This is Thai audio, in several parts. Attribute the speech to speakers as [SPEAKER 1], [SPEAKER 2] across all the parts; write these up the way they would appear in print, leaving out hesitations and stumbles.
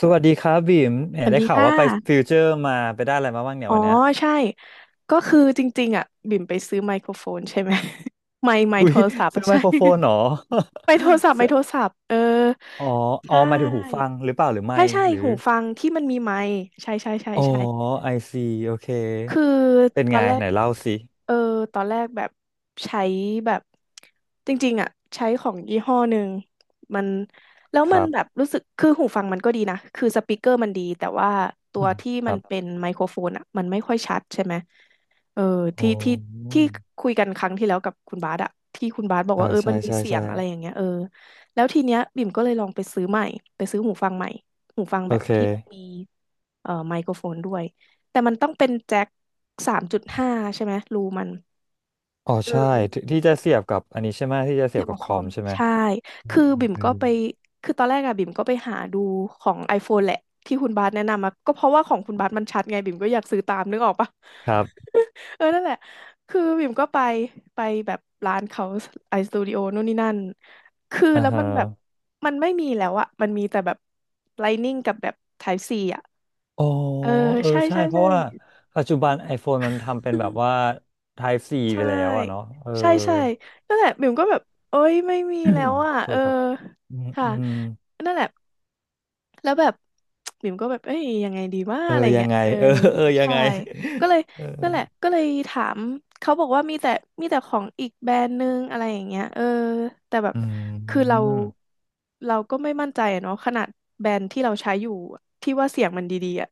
[SPEAKER 1] สวัสดีครับบีมแหม
[SPEAKER 2] สวัส
[SPEAKER 1] ได้
[SPEAKER 2] ดี
[SPEAKER 1] ข่าว
[SPEAKER 2] ค่ะ
[SPEAKER 1] ว่าไปฟิวเจอร์มาไปได้อะไรมาบ้างเนี่ย
[SPEAKER 2] อ๋อ
[SPEAKER 1] วันเนี้ย
[SPEAKER 2] ใช่ ก็คือจริงๆอ่ะบิ่มไปซื้อไมโครโฟนใช่ไหม ไมค์
[SPEAKER 1] อุ้
[SPEAKER 2] โท
[SPEAKER 1] ย
[SPEAKER 2] รศัพท์
[SPEAKER 1] ซื้
[SPEAKER 2] อะ
[SPEAKER 1] อไม
[SPEAKER 2] ใช่
[SPEAKER 1] โครโฟนเหรอ
[SPEAKER 2] ไมค์โทรศัพ ท์ไม
[SPEAKER 1] ซื้
[SPEAKER 2] ค์
[SPEAKER 1] อ
[SPEAKER 2] โทรศัพท์
[SPEAKER 1] อ๋อ
[SPEAKER 2] ใช
[SPEAKER 1] อ๋อหมายถึงหูฟั
[SPEAKER 2] ่
[SPEAKER 1] งหรือเปล่าหรือ
[SPEAKER 2] ใช่
[SPEAKER 1] ไม่
[SPEAKER 2] ใช่
[SPEAKER 1] หรือ
[SPEAKER 2] หูฟังที่มันมีไมค์ใช่ใช่ใช่
[SPEAKER 1] อ๋อ
[SPEAKER 2] ใช่
[SPEAKER 1] ไอซีโอเค
[SPEAKER 2] คือ
[SPEAKER 1] เป็น
[SPEAKER 2] ตอ
[SPEAKER 1] ไง
[SPEAKER 2] นแรก
[SPEAKER 1] ไหนเล่าสิ
[SPEAKER 2] เออ ตอนแรกแบบใช้แบบจริงๆอ่ะใช้ของยี่ห้อหนึ่งมันแล้ว
[SPEAKER 1] ค
[SPEAKER 2] มัน
[SPEAKER 1] รับ
[SPEAKER 2] แบบรู้สึกคือหูฟังมันก็ดีนะคือสปีกเกอร์มันดีแต่ว่าตัวที่
[SPEAKER 1] ค
[SPEAKER 2] มัน
[SPEAKER 1] รั
[SPEAKER 2] เป็
[SPEAKER 1] บ
[SPEAKER 2] นไมโครโฟนอ่ะมันไม่ค่อยชัดใช่ไหมเออที่
[SPEAKER 1] โอ้
[SPEAKER 2] ที่ที่คุยกันครั้งที่แล้วกับคุณบาสอะที่คุณบาสบอก
[SPEAKER 1] เออ
[SPEAKER 2] ว่า
[SPEAKER 1] ใช่
[SPEAKER 2] มันมี
[SPEAKER 1] ใช่
[SPEAKER 2] เสีย
[SPEAKER 1] ใช่
[SPEAKER 2] งอะไรอย่างเงี้ยแล้วทีเนี้ยบิ่มก็เลยลองไปซื้อใหม่ไปซื้อหูฟังใหม่หูฟัง
[SPEAKER 1] โอ
[SPEAKER 2] แบบ
[SPEAKER 1] เค
[SPEAKER 2] ที่มันมีไมโครโฟนด้วย แต่มันต้องเป็นแจ็ค3.5ใช่ไหมรูมัน
[SPEAKER 1] อ๋อ
[SPEAKER 2] เอื
[SPEAKER 1] ใช่
[SPEAKER 2] ม
[SPEAKER 1] ที่ที่จะเสียบกับอันนี้ใช่ไหมที่จะเสี
[SPEAKER 2] เสี
[SPEAKER 1] ย
[SPEAKER 2] ย
[SPEAKER 1] บ
[SPEAKER 2] บ
[SPEAKER 1] กั
[SPEAKER 2] กั
[SPEAKER 1] บ
[SPEAKER 2] บ
[SPEAKER 1] ค
[SPEAKER 2] คอ
[SPEAKER 1] อม
[SPEAKER 2] ม
[SPEAKER 1] ใช่ไหม
[SPEAKER 2] ใช่
[SPEAKER 1] อืม
[SPEAKER 2] คือ
[SPEAKER 1] อืม
[SPEAKER 2] บิ่ม
[SPEAKER 1] อื
[SPEAKER 2] ก็
[SPEAKER 1] ม
[SPEAKER 2] ไป คือตอนแรกอะบิ่มก็ไปหาดูของ iPhone แหละที่คุณบาสแนะนำมาก็เพราะว่าของคุณบาสมันชัดไงบิ่มก็อยากซื้อตามนึกออกปะ
[SPEAKER 1] ครับ
[SPEAKER 2] นั่นแหละ คือบิ่มก็ไป ไปแบบร้านเขาไอสตูดิโอนู่นนี่นั่น คือ
[SPEAKER 1] อ่า
[SPEAKER 2] แล้วมั
[SPEAKER 1] ฮะ
[SPEAKER 2] นแบบมันไม่มีแล้วอะมันมีแต่แบบ Lightning กับแบบ Type C อะ
[SPEAKER 1] อ๋อ
[SPEAKER 2] เออ
[SPEAKER 1] เออ
[SPEAKER 2] ใช่
[SPEAKER 1] ใช่
[SPEAKER 2] ใช่
[SPEAKER 1] เพ
[SPEAKER 2] ใช่
[SPEAKER 1] ราะว่าปัจจุบัน iPhone มันทำเป็นแบบว่า Type C ไป
[SPEAKER 2] ใช่
[SPEAKER 1] แล้วอะเนาะเออ
[SPEAKER 2] ใช่ใช่นั่นแหละบิ่มก็แบบโอ๊ยไม่มีแล้วอ่ะ
[SPEAKER 1] โทษครับอืม
[SPEAKER 2] ค่ะ
[SPEAKER 1] อืม
[SPEAKER 2] นั่นแหละแล้วแบบ บิ่มก็แบบเอ้ยยังไงดีว่า
[SPEAKER 1] เออ
[SPEAKER 2] อะไร
[SPEAKER 1] ยั
[SPEAKER 2] เงี้
[SPEAKER 1] ง
[SPEAKER 2] ย
[SPEAKER 1] ไง เออ เออยัง
[SPEAKER 2] ใช่
[SPEAKER 1] ไง
[SPEAKER 2] ก็เลย
[SPEAKER 1] เออ
[SPEAKER 2] นั่นแหละก็เลยถามเขาบอกว่ามีแต่ของอีกแบรนด์นึงอะไรอย่างเงี้ยแต่แบบ
[SPEAKER 1] อื
[SPEAKER 2] คือเรา
[SPEAKER 1] ม
[SPEAKER 2] เราก็ไม่มั่นใจอะเนาะขนาดแบรนด์ที่เราใช้อยู่ที่ว่าเสียงมันดีๆอ่ะ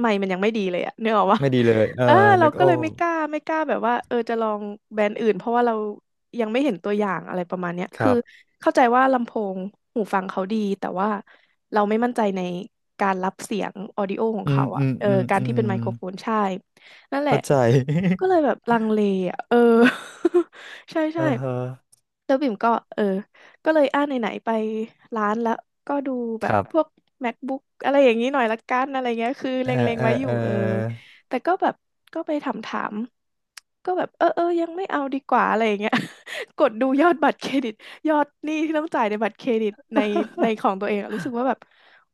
[SPEAKER 2] ไมค์มันยังไม่ดีเลยอ่ะนึกออกปะ
[SPEAKER 1] ไม่ดีเลยเออ
[SPEAKER 2] เออเรา
[SPEAKER 1] นึก
[SPEAKER 2] ก็
[SPEAKER 1] อ
[SPEAKER 2] เล
[SPEAKER 1] อ
[SPEAKER 2] ยไม่
[SPEAKER 1] ก
[SPEAKER 2] กล้าไม่กล้าแบบว่าจะลองแบรนด์อื่นเพราะว่าเรายังไม่เห็นตัวอย่างอะไรประมาณเนี้ย
[SPEAKER 1] ค
[SPEAKER 2] คือ
[SPEAKER 1] รับ
[SPEAKER 2] เข้าใจว่าลำโพงหูฟังเขาดีแต่ว่าเราไม่มั่นใจในการรับเสียงออดิโอของ
[SPEAKER 1] อืม
[SPEAKER 2] เขา
[SPEAKER 1] อื
[SPEAKER 2] อ่ะ
[SPEAKER 1] มอืม
[SPEAKER 2] การ
[SPEAKER 1] อื
[SPEAKER 2] ที่
[SPEAKER 1] ม
[SPEAKER 2] เป็นไมโครโฟนใช่นั่นแหละ
[SPEAKER 1] เข้าใจ
[SPEAKER 2] ก็เลยแบบลังเลอ่ะ ใช่
[SPEAKER 1] เอ
[SPEAKER 2] ใช่
[SPEAKER 1] อฮะ
[SPEAKER 2] แล้วบิ่มก็เออก็เลยไหนๆไปร้านแล้วก็ดูแบ
[SPEAKER 1] ค
[SPEAKER 2] บ
[SPEAKER 1] รั
[SPEAKER 2] พวก
[SPEAKER 1] บ
[SPEAKER 2] MacBook อะไรอย่างนี้หน่อยละกันอะไรเงี้ยคือ
[SPEAKER 1] เอ
[SPEAKER 2] เล
[SPEAKER 1] อ
[SPEAKER 2] ็ง
[SPEAKER 1] เอ
[SPEAKER 2] ๆ
[SPEAKER 1] อ
[SPEAKER 2] ไว้อ
[SPEAKER 1] เอ
[SPEAKER 2] ยู่
[SPEAKER 1] อ
[SPEAKER 2] แต่ก็แบบก็ไปถามก็แบบเออยังไม่เอาดีกว่าอะไรอย่างเงี้ย กดดูยอดบัตรเครดิตยอดหนี้ที่ต้องจ่ายในบัตรเครดิตในของตัวเองอะรู้สึกว่าแบบ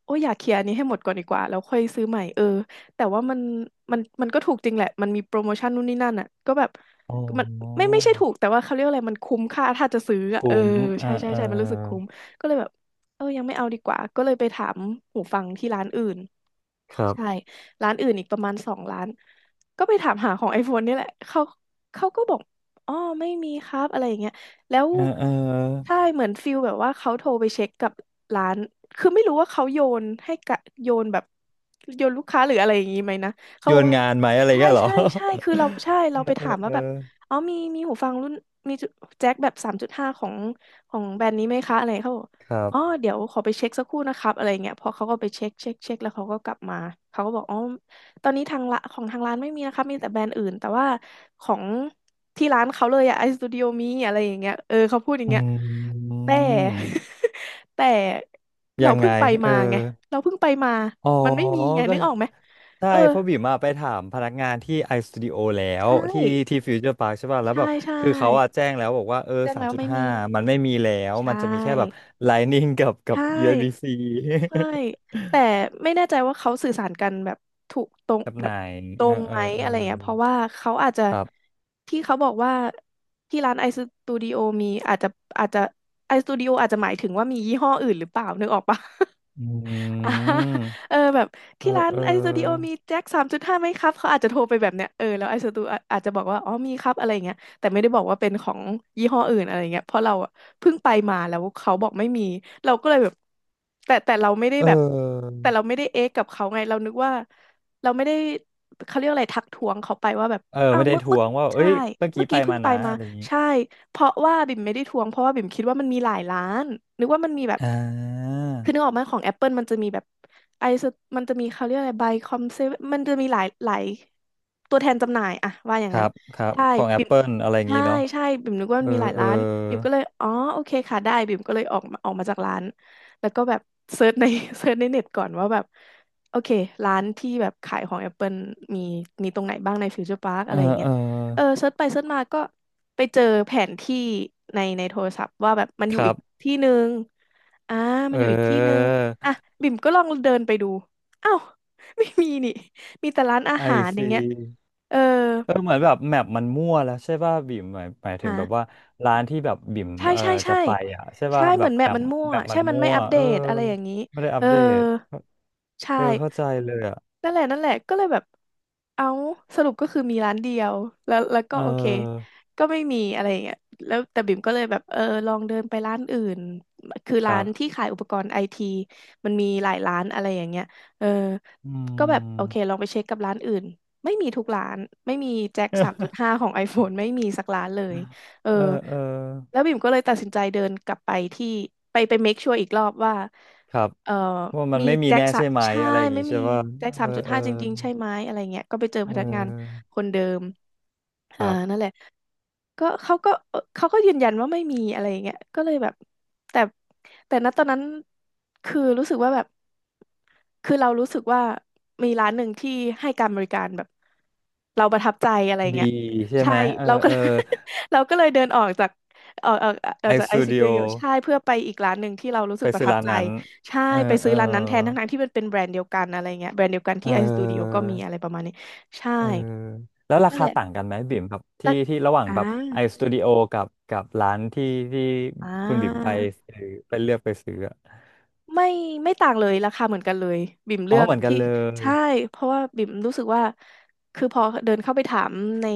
[SPEAKER 2] โอ้ยอยากเคลียร์อันนี้ให้หมดก่อนดีกว่าแล้วค่อยซื้อใหม่แต่ว่ามันมันก็ถูกจริงแหละมันมีโปรโมชั่นนู่นนี่นั่นอ่ะก็แบบ
[SPEAKER 1] อ๋อ
[SPEAKER 2] มันไม่ใช่ถูกแต่ว่าเขาเรียกอะไรมันคุ้มค่าถ้าจะซื้ออะ
[SPEAKER 1] คุ้มเออ
[SPEAKER 2] ใช่ใช่
[SPEAKER 1] เออ
[SPEAKER 2] ใช่มันรู้สึกคุ้มก็เลยแบบยังไม่เอาดีกว่าก็เลยไปถามหูฟังที่ร้านอื่น
[SPEAKER 1] ครั
[SPEAKER 2] ใช่
[SPEAKER 1] บ
[SPEAKER 2] ร้านอื่นอีกประมาณสองร้านก็ไปถามหาของ iPhone นี่แหละเขาเขาก็บอกอ๋อไม่มีครับอะไรอย่างเงี้ยแล้ว
[SPEAKER 1] เออเออ
[SPEAKER 2] ใช่เหมือนฟิลแบบว่าเขาโทรไปเช็คกับร้านคือไม่รู้ว่าเขาโยนให้กะโยนแบบโยนลูกค้าหรืออะไรอย่างงี้ไหมนะเขา
[SPEAKER 1] โย
[SPEAKER 2] บอก
[SPEAKER 1] น
[SPEAKER 2] ว่า
[SPEAKER 1] งานไหมอะไร
[SPEAKER 2] ใช่
[SPEAKER 1] เงี้ยเหรอ
[SPEAKER 2] ใช่ใช่คือเราใช่ เรา
[SPEAKER 1] เอ
[SPEAKER 2] ไป
[SPEAKER 1] อเออ
[SPEAKER 2] ถามว่า
[SPEAKER 1] เออ
[SPEAKER 2] แบบอ๋อมีมีหูฟังรุ่นมีแจ็คแบบสามจุดห้าของของแบรนด์นี้ไหมคะอะไรเขาบอก
[SPEAKER 1] ครั
[SPEAKER 2] อ๋อ
[SPEAKER 1] บ
[SPEAKER 2] เดี๋ยวขอไปเช็คสักครู่นะครับอะไรเงี้ยพอเขาก็ไปเช็คเช็คแล้วเขาก็กลับมาเขาก็บอกอ๋อตอนนี้ทางละของทางร้านไม่มีนะครับมีแต่แบรนด์อื่นแต่ว่าของที่ร้านเขาเลยอะไอสตูดิโอมีอะไรอย่างเงี้ยเขาพูดอย่าง
[SPEAKER 1] อื
[SPEAKER 2] เงี้ยแต่
[SPEAKER 1] ม
[SPEAKER 2] แต่เรา
[SPEAKER 1] ยัง
[SPEAKER 2] เพิ่
[SPEAKER 1] ไง
[SPEAKER 2] งไป
[SPEAKER 1] เอ
[SPEAKER 2] มา
[SPEAKER 1] อ
[SPEAKER 2] ไงเราเพิ่งไปมา
[SPEAKER 1] อ๋อ
[SPEAKER 2] มันไม่มีไง
[SPEAKER 1] ก็
[SPEAKER 2] นึกออกไหม
[SPEAKER 1] ใช่
[SPEAKER 2] เออ
[SPEAKER 1] เพราะบิ่มอะไปถามพนักงานที่ไอสตูดิโอแล้ว
[SPEAKER 2] ใช่
[SPEAKER 1] ที่ที่ฟิวเจอร์พาร์คใช่ป่ะแล้ว
[SPEAKER 2] ใช่
[SPEAKER 1] แบบ
[SPEAKER 2] ใช่
[SPEAKER 1] คือเขาอะแจ้งแล้วบอกว่าเออ
[SPEAKER 2] แจ้ง
[SPEAKER 1] สาม
[SPEAKER 2] แล้ว
[SPEAKER 1] จุด
[SPEAKER 2] ไม่
[SPEAKER 1] ห้า
[SPEAKER 2] มี
[SPEAKER 1] มันไม่มีแล้ว
[SPEAKER 2] ใช
[SPEAKER 1] มันจะมีแค่แบบ
[SPEAKER 2] ่
[SPEAKER 1] Lightning กับ
[SPEAKER 2] ใช่
[SPEAKER 1] USB-C
[SPEAKER 2] ใช่แต่ไม่แน่ใจว่าเขาสื่อสารกันแบบถูกตรง
[SPEAKER 1] กับ
[SPEAKER 2] แบ
[SPEAKER 1] ไหน
[SPEAKER 2] บตร
[SPEAKER 1] เออ
[SPEAKER 2] ง
[SPEAKER 1] เอ
[SPEAKER 2] ไห
[SPEAKER 1] อ
[SPEAKER 2] ม
[SPEAKER 1] เอ
[SPEAKER 2] อะ
[SPEAKER 1] อ
[SPEAKER 2] ไรเงี้ยเพราะว่าเขาอาจจะ
[SPEAKER 1] ครับ
[SPEAKER 2] ที่เขาบอกว่าที่ร้านไอสตูดิโอมีอาจจะอาจจะไอสตูดิโออาจจะหมายถึงว่ามียี่ห้ออื่นหรือเปล่านึกออกปะ
[SPEAKER 1] อื
[SPEAKER 2] อ่า
[SPEAKER 1] ม
[SPEAKER 2] เออแบบ
[SPEAKER 1] เออ
[SPEAKER 2] ที่ร้าน
[SPEAKER 1] เออ
[SPEAKER 2] ไอสตูดิโอมีแจ็คสามจุดห้าไหมครับเขาอาจจะโทรไปแบบเนี้ยเออแล้วไอสตูอาจจะบอกว่าอ๋อมีครับอะไรเงี้ยแต่ไม่ได้บอกว่าเป็นของยี่ห้ออื่นอะไรเงี้ยเพราะเราอะเพิ่งไปมาแล้วเขาบอกไม่มีเราก็เลยแบบแต่เราไม่ได้
[SPEAKER 1] เอ
[SPEAKER 2] แบบแต่เรา
[SPEAKER 1] อ
[SPEAKER 2] ไม่ได้เอ๊ะกับเขาไงเรานึกว่าเราไม่ได้เขาเรียกอะไรทักท้วงเขาไปว่าแบบ
[SPEAKER 1] เออ
[SPEAKER 2] อ้า
[SPEAKER 1] ไม่
[SPEAKER 2] ว
[SPEAKER 1] ได้
[SPEAKER 2] เมื่อ
[SPEAKER 1] ท
[SPEAKER 2] เมื่
[SPEAKER 1] วง
[SPEAKER 2] อัว
[SPEAKER 1] ว่าเอ้
[SPEAKER 2] ใช่
[SPEAKER 1] ยเมื่อกี้
[SPEAKER 2] เมื่อ
[SPEAKER 1] ไป
[SPEAKER 2] กี้เพิ่
[SPEAKER 1] มา
[SPEAKER 2] งไป
[SPEAKER 1] นะ
[SPEAKER 2] มา
[SPEAKER 1] อะไรอย่างนี้
[SPEAKER 2] ใช่เพราะว่าบิ่มไม่ได้ทวงเพราะว่าบิ่มคิดว่ามันมีหลายร้านนึกว่ามันมีแบบ
[SPEAKER 1] อ่า
[SPEAKER 2] คือนึกออกไหมของ Apple มันจะมีแบบไอซ์มันจะมีเขาเรียกอะไรไบคอมเซมันจะมีหลายตัวแทนจำหน่ายอะว่าอย่า
[SPEAKER 1] ค
[SPEAKER 2] ง
[SPEAKER 1] รั
[SPEAKER 2] นั้น
[SPEAKER 1] บครับ
[SPEAKER 2] ใช่
[SPEAKER 1] ของ
[SPEAKER 2] บิม
[SPEAKER 1] Apple อะไรอย่าง
[SPEAKER 2] ใช่
[SPEAKER 1] นี้เนาะ
[SPEAKER 2] ใช่บิ่มนึกว่าม
[SPEAKER 1] เอ
[SPEAKER 2] น
[SPEAKER 1] อ
[SPEAKER 2] มีหลาย
[SPEAKER 1] เออ
[SPEAKER 2] ร้านบิ่มก็เลยอ๋อโอเคค่ะได้บิ่มก็เลยออกมาจากร้านแล้วก็แบบเซิร์ชใน เซิร์ชในเน็ตก่อนว่าแบบโอเคร้านที่แบบขายของ Apple มีมีตรงไหนบ้างในฟิวเจอร์พาร์ค
[SPEAKER 1] เอ
[SPEAKER 2] อะ
[SPEAKER 1] อ
[SPEAKER 2] ไรอย่างเงี้
[SPEAKER 1] เอ
[SPEAKER 2] ย
[SPEAKER 1] อ
[SPEAKER 2] เออเซิร์ชไปเซิร์ชมาก็ไปเจอแผนที่ในโทรศัพท์ว่าแบบมันอ
[SPEAKER 1] ค
[SPEAKER 2] ยู่
[SPEAKER 1] รั
[SPEAKER 2] อีก
[SPEAKER 1] บ
[SPEAKER 2] ที่หนึ่งอ่ามั
[SPEAKER 1] เอ
[SPEAKER 2] นอยู่อีกที่หนึ่ง
[SPEAKER 1] อ
[SPEAKER 2] อ่ะบิ่มก็ลองเดินไปดูอ้าว ไม่มีนี่มีแต่ร้านอา
[SPEAKER 1] ไอ
[SPEAKER 2] หารอย่า
[SPEAKER 1] ซี
[SPEAKER 2] งเงี้ยเออ
[SPEAKER 1] เออเหมือนแบบแมปมันมั่วแล้วใช่ป่ะบิ่มหมายถึงแบบว่า
[SPEAKER 2] อ่า
[SPEAKER 1] ร้านที่แบบบิ่ม
[SPEAKER 2] ใช่
[SPEAKER 1] เออ
[SPEAKER 2] ใช่
[SPEAKER 1] จะ
[SPEAKER 2] ใช่
[SPEAKER 1] ไปอ่ะใช่
[SPEAKER 2] ใช่
[SPEAKER 1] ป่ะแบ
[SPEAKER 2] เหมือ
[SPEAKER 1] บ
[SPEAKER 2] นแม
[SPEAKER 1] แบ
[SPEAKER 2] ป
[SPEAKER 1] บ
[SPEAKER 2] มันมั่ว
[SPEAKER 1] แบบมั
[SPEAKER 2] ใช่
[SPEAKER 1] น
[SPEAKER 2] มัน
[SPEAKER 1] มั่
[SPEAKER 2] ไม่
[SPEAKER 1] ว
[SPEAKER 2] อัปเด
[SPEAKER 1] เออ
[SPEAKER 2] ตอะไรอย่างนี้
[SPEAKER 1] ไม่ได้อั
[SPEAKER 2] เอ
[SPEAKER 1] ป
[SPEAKER 2] อ
[SPEAKER 1] เดต
[SPEAKER 2] ใช่
[SPEAKER 1] เออเข้าใจเลยอ่ะ
[SPEAKER 2] นั่นแหละนั่นแหละก็เลยแบบเอาสรุปก็คือมีร้านเดียวแล้วก็
[SPEAKER 1] เ
[SPEAKER 2] โอเค
[SPEAKER 1] ออ
[SPEAKER 2] ก็ไม่มีอะไรอย่างเงี้ยแล้วแต่บิ่มก็เลยแบบเออลองเดินไปร้านอื่นคือ
[SPEAKER 1] ค
[SPEAKER 2] ร้า
[SPEAKER 1] รั
[SPEAKER 2] นที่
[SPEAKER 1] บ
[SPEAKER 2] ขายอุปกรณ์ไอทีมันมีหลายร้านอะไรอย่างเงี้ยเออ
[SPEAKER 1] อื
[SPEAKER 2] ก็แบบโอเค
[SPEAKER 1] ม
[SPEAKER 2] ลองไปเช็คกับร้านอื่นไม่มีทุกร้านไม่มีแจ็คสามจุดห้าของ iPhone ไม่มีสักร้านเลย เออ
[SPEAKER 1] เออเออ
[SPEAKER 2] แล้วบิ่มก็เลยตัดสินใจเดินกลับไปที่ไปเมคชัวร์อีกรอบว่า
[SPEAKER 1] ครับ
[SPEAKER 2] เออ
[SPEAKER 1] ว่ามัน
[SPEAKER 2] มี
[SPEAKER 1] ไม่มี
[SPEAKER 2] แจ็ค
[SPEAKER 1] แน่
[SPEAKER 2] สะ
[SPEAKER 1] ใช่ไหม
[SPEAKER 2] ใช่
[SPEAKER 1] อะไรอย่าง
[SPEAKER 2] ไม่
[SPEAKER 1] งี้
[SPEAKER 2] มี
[SPEAKER 1] ใช่ป่ะ
[SPEAKER 2] แจ็คสา
[SPEAKER 1] เออ
[SPEAKER 2] มจุด
[SPEAKER 1] เออ
[SPEAKER 2] ห้าจริงๆใช่ไหมอะไรเงี้ยก็ไปเจอ
[SPEAKER 1] เ
[SPEAKER 2] พนักงาน
[SPEAKER 1] ออ
[SPEAKER 2] คนเดิม
[SPEAKER 1] ค
[SPEAKER 2] อ่า
[SPEAKER 1] รั
[SPEAKER 2] นั่
[SPEAKER 1] บ
[SPEAKER 2] นแหละ ก็เขาก็เขาก็ยืนยันว่าไม่มีอะไรอย่างเงี้ยก็เลยแบบแต่แต่ณตอนนั้นคือรู้สึกว่าแบบคือเรารู้สึกว่ามีร้านหนึ่งที่ให้การบริการแบบเราประทับใจอะไรอย่าง
[SPEAKER 1] ดี
[SPEAKER 2] เงี้ย
[SPEAKER 1] ใช่
[SPEAKER 2] ใช่
[SPEAKER 1] ไหมเออ
[SPEAKER 2] เราก็
[SPEAKER 1] เออ
[SPEAKER 2] เรา ก็เลยเดินออกจากออกออกออ
[SPEAKER 1] ไอ
[SPEAKER 2] กจาก
[SPEAKER 1] ส
[SPEAKER 2] ไอ
[SPEAKER 1] ตู
[SPEAKER 2] ซี
[SPEAKER 1] ดิ
[SPEAKER 2] ตู
[SPEAKER 1] โอ
[SPEAKER 2] ดิโอใช่เพื่อไปอีกร้านหนึ่งที่เรารู้สึ
[SPEAKER 1] ไป
[SPEAKER 2] กประ
[SPEAKER 1] ซื้อ
[SPEAKER 2] ทับ
[SPEAKER 1] ร้าน
[SPEAKER 2] ใจ
[SPEAKER 1] นั้น
[SPEAKER 2] ใช่
[SPEAKER 1] เออ
[SPEAKER 2] ไป
[SPEAKER 1] เอ
[SPEAKER 2] ซื้อ
[SPEAKER 1] อ
[SPEAKER 2] ร้านนั้นแทนทั้งๆที่มันเป็นแบรนด์เดียวกันอะไรเงี้ยแบรนด์เดียวกัน
[SPEAKER 1] เอ
[SPEAKER 2] ที่ไอสตูดิโอก็
[SPEAKER 1] อ
[SPEAKER 2] มีอะไรประมาณนี้ใช่
[SPEAKER 1] เออแล้วรา
[SPEAKER 2] นั่น
[SPEAKER 1] คา
[SPEAKER 2] แหละ
[SPEAKER 1] ต่างกันไหมบิ่มครับ
[SPEAKER 2] แล้
[SPEAKER 1] ที่
[SPEAKER 2] ว
[SPEAKER 1] ที่ระหว่าง
[SPEAKER 2] อ่า
[SPEAKER 1] แบบไอสตูดิโอกับกับร้านที่ที่
[SPEAKER 2] อ่
[SPEAKER 1] คุณบิ่มไป
[SPEAKER 2] า
[SPEAKER 1] ซื้อไปเลือกไปซื้ออะ
[SPEAKER 2] ไม่ไม่ต่างเลยราคาเหมือนกันเลยบิ่มเลื
[SPEAKER 1] อ๋อ
[SPEAKER 2] อก
[SPEAKER 1] เหมือนกัน
[SPEAKER 2] ที่
[SPEAKER 1] เลย
[SPEAKER 2] ใช่เพราะว่าบิ่มรู้สึกว่าคือพอเดินเข้าไปถามใน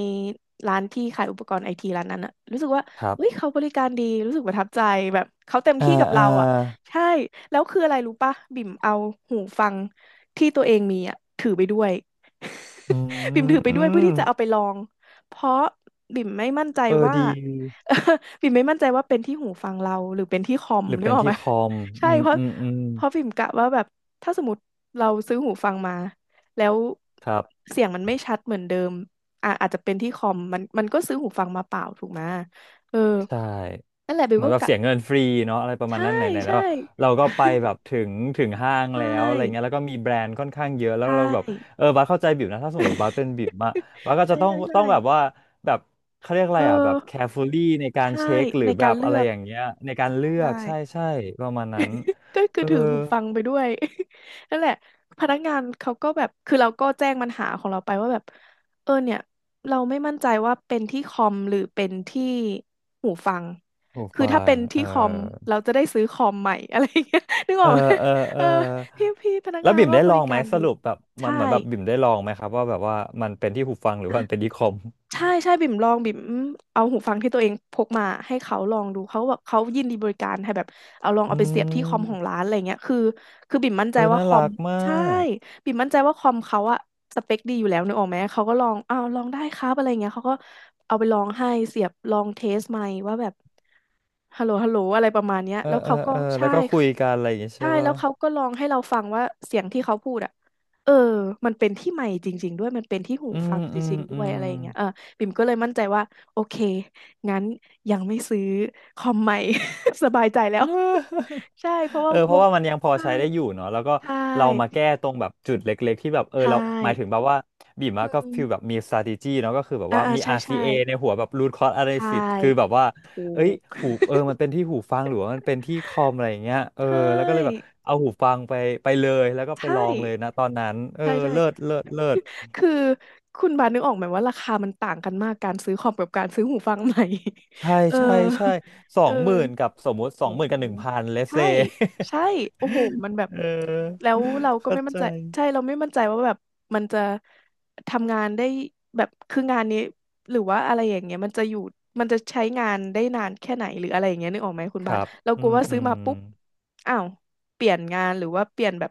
[SPEAKER 2] ร้านที่ขายอุปกรณ์ไอทีร้านนั้นอะรู้สึกว่า
[SPEAKER 1] ครั
[SPEAKER 2] เฮ้ย
[SPEAKER 1] บ
[SPEAKER 2] เขาบริการดีรู้สึกประทับใจแบบเขาเต็ม
[SPEAKER 1] เออ
[SPEAKER 2] ที่กับ
[SPEAKER 1] เออ
[SPEAKER 2] เราอะใช่แล้วคืออะไรรู้ปะบิ่มเอาหูฟังที่ตัวเองมีอะถือไปด้วย
[SPEAKER 1] อ
[SPEAKER 2] บิ่
[SPEAKER 1] ื
[SPEAKER 2] มถือไปด้วยเพื่อที่จะเอา
[SPEAKER 1] ม
[SPEAKER 2] ไปลองเพราะบิ่มไม่มั่นใจ
[SPEAKER 1] เออ
[SPEAKER 2] ว่า
[SPEAKER 1] ดี
[SPEAKER 2] บิ่มไม่มั่นใจว่าเป็นที่หูฟังเราหรือเป็นที่คอม
[SPEAKER 1] หรือ
[SPEAKER 2] นึ
[SPEAKER 1] เป็
[SPEAKER 2] ก
[SPEAKER 1] น
[SPEAKER 2] ออกไห
[SPEAKER 1] ที่
[SPEAKER 2] ม
[SPEAKER 1] คอม
[SPEAKER 2] ใช่
[SPEAKER 1] อืม
[SPEAKER 2] เพราะ
[SPEAKER 1] อืมอืม
[SPEAKER 2] เพราะพิมกะว่าแบบถ้าสมมติเราซื้อหูฟังมาแล้ว
[SPEAKER 1] ครับ
[SPEAKER 2] เสียงมันไม่ชัดเหมือนเดิมอ่ะอาจจะเป็นที่คอมมันก็ซื้อหูฟังมาเปล่าถูกไหมเออ
[SPEAKER 1] ใช่
[SPEAKER 2] นั่นแหละเบิว
[SPEAKER 1] เหมือ
[SPEAKER 2] ก็
[SPEAKER 1] นแบบ
[SPEAKER 2] กะ
[SPEAKER 1] เสียเงินฟรีเนาะอะไรประมาณ
[SPEAKER 2] ใช่
[SPEAKER 1] นั้นไหนๆแล้
[SPEAKER 2] ใช่
[SPEAKER 1] วเราก็ไปแบบถึงถึงห้าง
[SPEAKER 2] ใช
[SPEAKER 1] แล้วอะไรเงี้ย
[SPEAKER 2] ่
[SPEAKER 1] แล้วก็มีแบรนด์ค่อนข้างเยอะแล้ว
[SPEAKER 2] ใช่
[SPEAKER 1] เราแบบเออบัสเข้าใจบิวนะถ้าสมมติบัสเป็นบิวอะบัสก็
[SPEAKER 2] ใช่
[SPEAKER 1] จะต้อง
[SPEAKER 2] ใช่ใช่
[SPEAKER 1] ต้องแบบว่าแบบเขาเรียกอะ
[SPEAKER 2] เออ
[SPEAKER 1] ไรอ่ะแบบ carefully ในการ
[SPEAKER 2] ใช่
[SPEAKER 1] เช็คหรื
[SPEAKER 2] ใน
[SPEAKER 1] อแบ
[SPEAKER 2] การ
[SPEAKER 1] บ
[SPEAKER 2] เลื
[SPEAKER 1] อะไร
[SPEAKER 2] อก
[SPEAKER 1] อย่างเงี้ยในการเลือ
[SPEAKER 2] ใช่
[SPEAKER 1] กใช่ใช่ประมาณนั้น
[SPEAKER 2] ก็คือ
[SPEAKER 1] เออ
[SPEAKER 2] ถือหูฟังไปด้วย นั่นแหละพนักงานเขาก็แบบคือเราก็แจ้งปัญหาของเราไปว่าแบบเออเนี่ยเราไม่มั่นใจว่าเป็นที่คอมหรือเป็นที่หูฟัง
[SPEAKER 1] หู
[SPEAKER 2] คือ
[SPEAKER 1] ฟั
[SPEAKER 2] ถ้าเป็
[SPEAKER 1] ง
[SPEAKER 2] น
[SPEAKER 1] เอ
[SPEAKER 2] ที่
[SPEAKER 1] อ
[SPEAKER 2] คอมเราจะได้ซื้อคอมใหม่ อะไรอย่างเงี้ยนึกอ
[SPEAKER 1] เอ
[SPEAKER 2] อ
[SPEAKER 1] อ
[SPEAKER 2] กไหม
[SPEAKER 1] เออเอ
[SPEAKER 2] เอ
[SPEAKER 1] อ
[SPEAKER 2] อพี่พนัก
[SPEAKER 1] แล้
[SPEAKER 2] งา
[SPEAKER 1] ว
[SPEAKER 2] น
[SPEAKER 1] บิ่
[SPEAKER 2] เขา
[SPEAKER 1] ม
[SPEAKER 2] ก็
[SPEAKER 1] ได้
[SPEAKER 2] บ
[SPEAKER 1] ลอ
[SPEAKER 2] ริ
[SPEAKER 1] งไหม
[SPEAKER 2] การ
[SPEAKER 1] ส
[SPEAKER 2] ดี
[SPEAKER 1] รุปแบบมั
[SPEAKER 2] ใช่
[SPEAKER 1] นเหมือนแบบบิ่มได้ลองไหมครับว่าแบบว่ามันเป็นที่หูฟังหรือ
[SPEAKER 2] อ่ะ
[SPEAKER 1] ว่ามันเป็นที่คอม
[SPEAKER 2] ใช่ใช่บิ่มลองบิ่มเอาหูฟังที่ตัวเองพกมาให้เขาลองดูเขาก็แบบเขายินดีบริการให้แบบเอาลอง
[SPEAKER 1] อื
[SPEAKER 2] เอาไปเสียบที่คอมของ
[SPEAKER 1] ม
[SPEAKER 2] ร้านอะไรเงี้ยคือบิ่มมั่นใจ
[SPEAKER 1] เออ
[SPEAKER 2] ว่า
[SPEAKER 1] น่า
[SPEAKER 2] คอ
[SPEAKER 1] รั
[SPEAKER 2] ม
[SPEAKER 1] กมา
[SPEAKER 2] ใช่
[SPEAKER 1] ก
[SPEAKER 2] บิ่มมั่นใจว่าคอมเขาอะสเปคดีอยู่แล้วนึกออกไหมเขาก็ลองอ้าวลองได้ครับอะไรเงี้ยเขาก็เอาไปลองให้เสียบลองเทสไมค์ว่าแบบฮัลโหลฮัลโหลอะไรประมาณเนี้ย
[SPEAKER 1] เออ
[SPEAKER 2] แล้ว
[SPEAKER 1] เออ
[SPEAKER 2] เขาก็
[SPEAKER 1] เออแล้ว
[SPEAKER 2] ใช่
[SPEAKER 1] ก็คุยกันอะไรอย่างเงี้ย
[SPEAKER 2] ใช่
[SPEAKER 1] ใช่
[SPEAKER 2] แล้
[SPEAKER 1] ป่ะ
[SPEAKER 2] วเขาก็ลองให้เราฟังว่าเสียงที่เขาพูดอ่ะเออมันเป็นที่ไมค์จริงๆด้วยมันเป็นที่หู
[SPEAKER 1] อื
[SPEAKER 2] ฟั
[SPEAKER 1] ม
[SPEAKER 2] งจ
[SPEAKER 1] อืม
[SPEAKER 2] ริงๆด้
[SPEAKER 1] อื
[SPEAKER 2] วย
[SPEAKER 1] ม
[SPEAKER 2] อะไรอย่างเงี้ยเออบิ่มก็เลยมั่นใจว่าโอเคงั้นยังไม่ซื้อคอมใหม่ สบายใจแล้ว ใช่เพราะว่า
[SPEAKER 1] เออเพ
[SPEAKER 2] ว
[SPEAKER 1] ราะ
[SPEAKER 2] ง
[SPEAKER 1] ว่ามันยังพอ
[SPEAKER 2] ใช่
[SPEAKER 1] ใช้ได้อยู่เนาะแล้วก็
[SPEAKER 2] ใช่
[SPEAKER 1] เรามาแก้ตรงแบบจุดเล็กๆที่แบบเออ
[SPEAKER 2] ใช่
[SPEAKER 1] เราหมายถึงแบบว่าบีมอะก็
[SPEAKER 2] อืม
[SPEAKER 1] ฟีลแบบมี strategy เนาะก็คือแบบ
[SPEAKER 2] อ่า
[SPEAKER 1] ว่า
[SPEAKER 2] อ่า
[SPEAKER 1] มี
[SPEAKER 2] ใช่ใช่
[SPEAKER 1] RCA ในหัวแบบ root cause
[SPEAKER 2] ใช่
[SPEAKER 1] analysis คือแบบว่า
[SPEAKER 2] ถู
[SPEAKER 1] เอ้ย
[SPEAKER 2] ก
[SPEAKER 1] หูเออมันเป็นที่หูฟังหรือว่ามันเป็นที่คอมอะไรอย่างเงี้ยเอ อ
[SPEAKER 2] ใช
[SPEAKER 1] แล้วก็เลยแบบ
[SPEAKER 2] ่
[SPEAKER 1] เอาหูฟังไปเลยแล้วก็ไป
[SPEAKER 2] ใช่
[SPEAKER 1] ลองเลยนะตอนนั้นเออ
[SPEAKER 2] ใช่ใช่
[SPEAKER 1] เลิศเลิศเลิศ
[SPEAKER 2] คือคุณบาสนึกออกไหมว่าราคามันต่างกันมากการซื้อคอมกับการซื้อหูฟังใหม่
[SPEAKER 1] ใช่
[SPEAKER 2] เออ
[SPEAKER 1] ใช่ใช่สอ
[SPEAKER 2] เอ
[SPEAKER 1] ง
[SPEAKER 2] อ
[SPEAKER 1] หมื่นกับสมมุติส
[SPEAKER 2] โห
[SPEAKER 1] องหมื่นกับ1,000เลสเซ
[SPEAKER 2] ใช่ใช่โอ้โหมั นแบบ
[SPEAKER 1] เออ
[SPEAKER 2] แล้วเราก็
[SPEAKER 1] เข้า
[SPEAKER 2] ไม่มั่น
[SPEAKER 1] ใจ
[SPEAKER 2] ใจใช่เราไม่มั่นใจว่าแบบมันจะทำงานได้แบบคืองานนี้หรือว่าอะไรอย่างเงี้ยมันจะอยู่มันจะใช้งานได้นานแค่ไหนหรืออะไรอย่างเงี้ยนึกออกไหมคุณ
[SPEAKER 1] ค
[SPEAKER 2] บาส
[SPEAKER 1] รับ
[SPEAKER 2] เรา
[SPEAKER 1] อื
[SPEAKER 2] กลัว
[SPEAKER 1] ม
[SPEAKER 2] ว่า
[SPEAKER 1] อื
[SPEAKER 2] ซื้อ
[SPEAKER 1] ม
[SPEAKER 2] มาปุ๊บอ้าวเปลี่ยนงานหรือว่าเปลี่ยนแบบ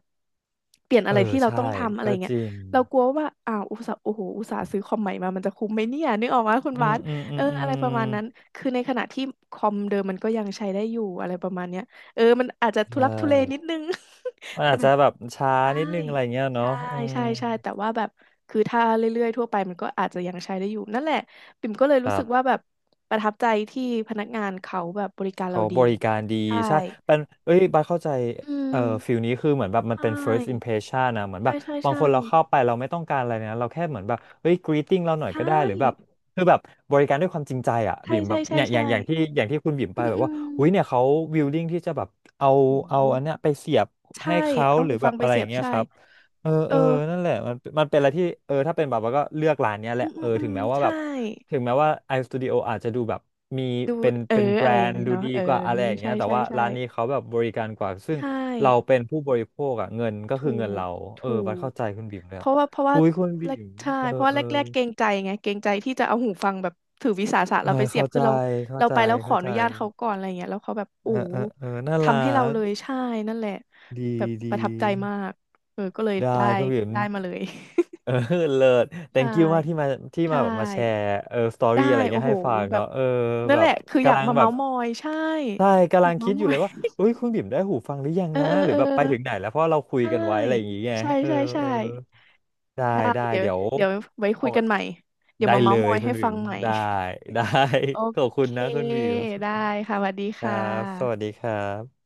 [SPEAKER 2] เปลี่ยน
[SPEAKER 1] เอ
[SPEAKER 2] อะ
[SPEAKER 1] อ
[SPEAKER 2] ไรที่เรา
[SPEAKER 1] ใช่
[SPEAKER 2] ต้องทำอะไร
[SPEAKER 1] ก็จ
[SPEAKER 2] เงี้ย
[SPEAKER 1] ริง
[SPEAKER 2] เรากลัวว่าอ้าวอุตส่าห์โอ้โหอุตส่าห์ซื้อคอมใหม่มามันจะคุ้มไหมเนี่ยนึกออกไหมคุณ
[SPEAKER 1] อื
[SPEAKER 2] บา
[SPEAKER 1] ม
[SPEAKER 2] ส
[SPEAKER 1] อืมอื
[SPEAKER 2] เอ
[SPEAKER 1] ม
[SPEAKER 2] อ
[SPEAKER 1] อื
[SPEAKER 2] อะไร
[SPEAKER 1] ม
[SPEAKER 2] ประมาณนั้นคือในขณะที่คอมเดิมมันก็ยังใช้ได้อยู่อะไรประมาณเนี้ยเออมันอาจจะทุ
[SPEAKER 1] ใช่
[SPEAKER 2] ลักทุเลนิดนึง
[SPEAKER 1] มัน
[SPEAKER 2] แต่
[SPEAKER 1] อาจ
[SPEAKER 2] แบ
[SPEAKER 1] จะ
[SPEAKER 2] บ
[SPEAKER 1] แบบช้า
[SPEAKER 2] ใช่
[SPEAKER 1] นิดนึงอะไรเงี้ยเนาะ
[SPEAKER 2] ใช่
[SPEAKER 1] อืม
[SPEAKER 2] ใช่ใช่แต่ว่าแบบคือถ้าเรื่อยๆทั่วไปมันก็อาจจะยังใช้ได้อยู่นั่นแหละปิ่มก็เลย
[SPEAKER 1] ค
[SPEAKER 2] รู้
[SPEAKER 1] รั
[SPEAKER 2] สึกว่า
[SPEAKER 1] บ
[SPEAKER 2] แบบประทับใจที่พนักงานเขาแบบบริการเรา
[SPEAKER 1] เขา
[SPEAKER 2] ดี
[SPEAKER 1] บริการดี
[SPEAKER 2] ใช่
[SPEAKER 1] ใช่เป็นเอ้ยบัสเข้าใจ
[SPEAKER 2] อื
[SPEAKER 1] เอ่
[SPEAKER 2] ม
[SPEAKER 1] อฟิลนี้คือเหมือนแบบ
[SPEAKER 2] ใช
[SPEAKER 1] มันเป็น first
[SPEAKER 2] ่
[SPEAKER 1] impression นะเหมือนแบ
[SPEAKER 2] ใช่
[SPEAKER 1] บ
[SPEAKER 2] ใช่
[SPEAKER 1] บาง
[SPEAKER 2] ใช่
[SPEAKER 1] คนเราเข้าไปเราไม่ต้องการอะไรนะเราแค่เหมือนแบบเฮ้ย greeting เราหน่อย
[SPEAKER 2] ใช่
[SPEAKER 1] ก็ได้หรือแบบคือแบบบริการด้วยความจริงใจอ่ะ
[SPEAKER 2] ใช่
[SPEAKER 1] บิ่มแบ
[SPEAKER 2] ใช่
[SPEAKER 1] บ
[SPEAKER 2] ใช่
[SPEAKER 1] เนี่ยอ
[SPEAKER 2] ใช่
[SPEAKER 1] ย่างอย่างที่อย่างที่คุณบิ่มไป
[SPEAKER 2] อื
[SPEAKER 1] แบบว่าหุ้ย
[SPEAKER 2] ม
[SPEAKER 1] เนี่ยเขา willing ที่จะแบบเอา
[SPEAKER 2] อื
[SPEAKER 1] เอา
[SPEAKER 2] ม
[SPEAKER 1] อันเนี้ยไปเสียบ
[SPEAKER 2] ใช่
[SPEAKER 1] ให้เขา
[SPEAKER 2] เอา
[SPEAKER 1] หรื
[SPEAKER 2] หู
[SPEAKER 1] อแบ
[SPEAKER 2] ฟัง
[SPEAKER 1] บ
[SPEAKER 2] ไป
[SPEAKER 1] อะไร
[SPEAKER 2] เสี
[SPEAKER 1] อ
[SPEAKER 2] ย
[SPEAKER 1] ย่าง
[SPEAKER 2] บ
[SPEAKER 1] เงี้ย
[SPEAKER 2] ใช่
[SPEAKER 1] ครับ เออ
[SPEAKER 2] เอ
[SPEAKER 1] เอ
[SPEAKER 2] อ
[SPEAKER 1] อนั่นแหละมันมันเป็นอะไรที่เออถ้าเป็นแบบว่าก็เลือกร้านเนี้ยแห
[SPEAKER 2] อื
[SPEAKER 1] ละ
[SPEAKER 2] มอื
[SPEAKER 1] เอ
[SPEAKER 2] ม
[SPEAKER 1] อ
[SPEAKER 2] อื
[SPEAKER 1] ถึ
[SPEAKER 2] ม
[SPEAKER 1] งแม้ว่าแบ
[SPEAKER 2] ใช่
[SPEAKER 1] บถึงแม้ว่า iStudio อาจจะดูแบบมีเป็น
[SPEAKER 2] เออ
[SPEAKER 1] เป็นแบร
[SPEAKER 2] อะไรอย่า
[SPEAKER 1] น
[SPEAKER 2] ง
[SPEAKER 1] ด์
[SPEAKER 2] งี้
[SPEAKER 1] ดู
[SPEAKER 2] เนาะ
[SPEAKER 1] ดี
[SPEAKER 2] เออ
[SPEAKER 1] กว่าอะไรอย่าง
[SPEAKER 2] ใช่
[SPEAKER 1] เงี้ยแต่
[SPEAKER 2] ใช่
[SPEAKER 1] ว่า
[SPEAKER 2] ใช่
[SPEAKER 1] ร้านนี้เขาแบบบริการกว่าซึ่ง
[SPEAKER 2] ใช่
[SPEAKER 1] เราเป็นผู้บริโภคอะเงินก็
[SPEAKER 2] ถู
[SPEAKER 1] คือเงิน
[SPEAKER 2] ก
[SPEAKER 1] เราเออ
[SPEAKER 2] ถู
[SPEAKER 1] บัด
[SPEAKER 2] ก
[SPEAKER 1] เข้าใจคุณบิ่มเลย
[SPEAKER 2] เพ
[SPEAKER 1] อะ
[SPEAKER 2] ราะว่าเพราะว่า
[SPEAKER 1] คุยคุณ
[SPEAKER 2] แร
[SPEAKER 1] บิ่
[SPEAKER 2] ก
[SPEAKER 1] ม
[SPEAKER 2] ใช่
[SPEAKER 1] เออ
[SPEAKER 2] เพราะว่า
[SPEAKER 1] เออ
[SPEAKER 2] แรกแรกเกรงใจไงเกรงใจที่จะเอาหูฟังแบบถือวิสาสะ
[SPEAKER 1] เออ
[SPEAKER 2] เราไปเสียบ
[SPEAKER 1] เข้า
[SPEAKER 2] คื
[SPEAKER 1] ใจ
[SPEAKER 2] อเรา
[SPEAKER 1] เข้า
[SPEAKER 2] เรา
[SPEAKER 1] ใจ
[SPEAKER 2] ไปแล้วขอ
[SPEAKER 1] เข้า
[SPEAKER 2] อ
[SPEAKER 1] ใจ
[SPEAKER 2] นุญาตเขาก่อนอะไรเงี้ยแล้วเขาแบบ
[SPEAKER 1] เอ
[SPEAKER 2] โอ้
[SPEAKER 1] อ
[SPEAKER 2] โห
[SPEAKER 1] เออเออน่ารั
[SPEAKER 2] ทำให้เรา
[SPEAKER 1] ก
[SPEAKER 2] เลยใช่นั่นแหละ
[SPEAKER 1] ดี
[SPEAKER 2] แบบป
[SPEAKER 1] ดี
[SPEAKER 2] ระทับใจมากเออก็เลย
[SPEAKER 1] ได้
[SPEAKER 2] ได้
[SPEAKER 1] คุณบิ่ม
[SPEAKER 2] ได้มาเลย
[SPEAKER 1] เออ เลิศ
[SPEAKER 2] ใช่
[SPEAKER 1] thank you มากที่มาที่
[SPEAKER 2] ใช่
[SPEAKER 1] มาแบบมาแชร์เออสตอ
[SPEAKER 2] ได้
[SPEAKER 1] รี่อะไร
[SPEAKER 2] โอ้
[SPEAKER 1] เงี้ย
[SPEAKER 2] โห
[SPEAKER 1] ให้ฟัง
[SPEAKER 2] แบบ
[SPEAKER 1] เนาะเออ
[SPEAKER 2] นั่น
[SPEAKER 1] แบ
[SPEAKER 2] แห
[SPEAKER 1] บ
[SPEAKER 2] ละคืออยาก
[SPEAKER 1] กำลัง
[SPEAKER 2] มา
[SPEAKER 1] แบ
[SPEAKER 2] เม้า
[SPEAKER 1] บ
[SPEAKER 2] ท์มอยใช่
[SPEAKER 1] ใช่
[SPEAKER 2] อ
[SPEAKER 1] กำลั
[SPEAKER 2] ยาก
[SPEAKER 1] ง
[SPEAKER 2] เม้า
[SPEAKER 1] คิด
[SPEAKER 2] ท์
[SPEAKER 1] อ
[SPEAKER 2] ม
[SPEAKER 1] ยู่
[SPEAKER 2] อ
[SPEAKER 1] เลยว่า
[SPEAKER 2] ย
[SPEAKER 1] เอ้ยคุณบิ่มได้หูฟังหรือยัง
[SPEAKER 2] เออ
[SPEAKER 1] นะ
[SPEAKER 2] เออ
[SPEAKER 1] หรือ
[SPEAKER 2] เออ
[SPEAKER 1] แบบไปถึงไหนแล้วเพราะเราคุย
[SPEAKER 2] ใช่
[SPEAKER 1] กันไว้อะไรอย่างเงี้ย
[SPEAKER 2] ใช่
[SPEAKER 1] เออ
[SPEAKER 2] ใช่ใช่
[SPEAKER 1] เออได้
[SPEAKER 2] ได้
[SPEAKER 1] ได้
[SPEAKER 2] เดี๋ยว
[SPEAKER 1] เดี๋ยว
[SPEAKER 2] เดี๋ยวไว้คุ
[SPEAKER 1] เอา
[SPEAKER 2] ย
[SPEAKER 1] ไว้
[SPEAKER 2] กันใหม่เดี๋ยว
[SPEAKER 1] ได้
[SPEAKER 2] มา
[SPEAKER 1] เล
[SPEAKER 2] เม้าท์ม
[SPEAKER 1] ย
[SPEAKER 2] อย
[SPEAKER 1] คุ
[SPEAKER 2] ให้
[SPEAKER 1] ณ
[SPEAKER 2] ฟั
[SPEAKER 1] บิ่ม
[SPEAKER 2] งใหม่
[SPEAKER 1] ได้ ได้
[SPEAKER 2] โอ
[SPEAKER 1] ขอบคุ
[SPEAKER 2] เค
[SPEAKER 1] ณนะคุณบิ่ม
[SPEAKER 2] ได้ค่ะสวัสดี
[SPEAKER 1] ครั
[SPEAKER 2] ค่
[SPEAKER 1] บสวัสดี
[SPEAKER 2] ะ
[SPEAKER 1] ครับ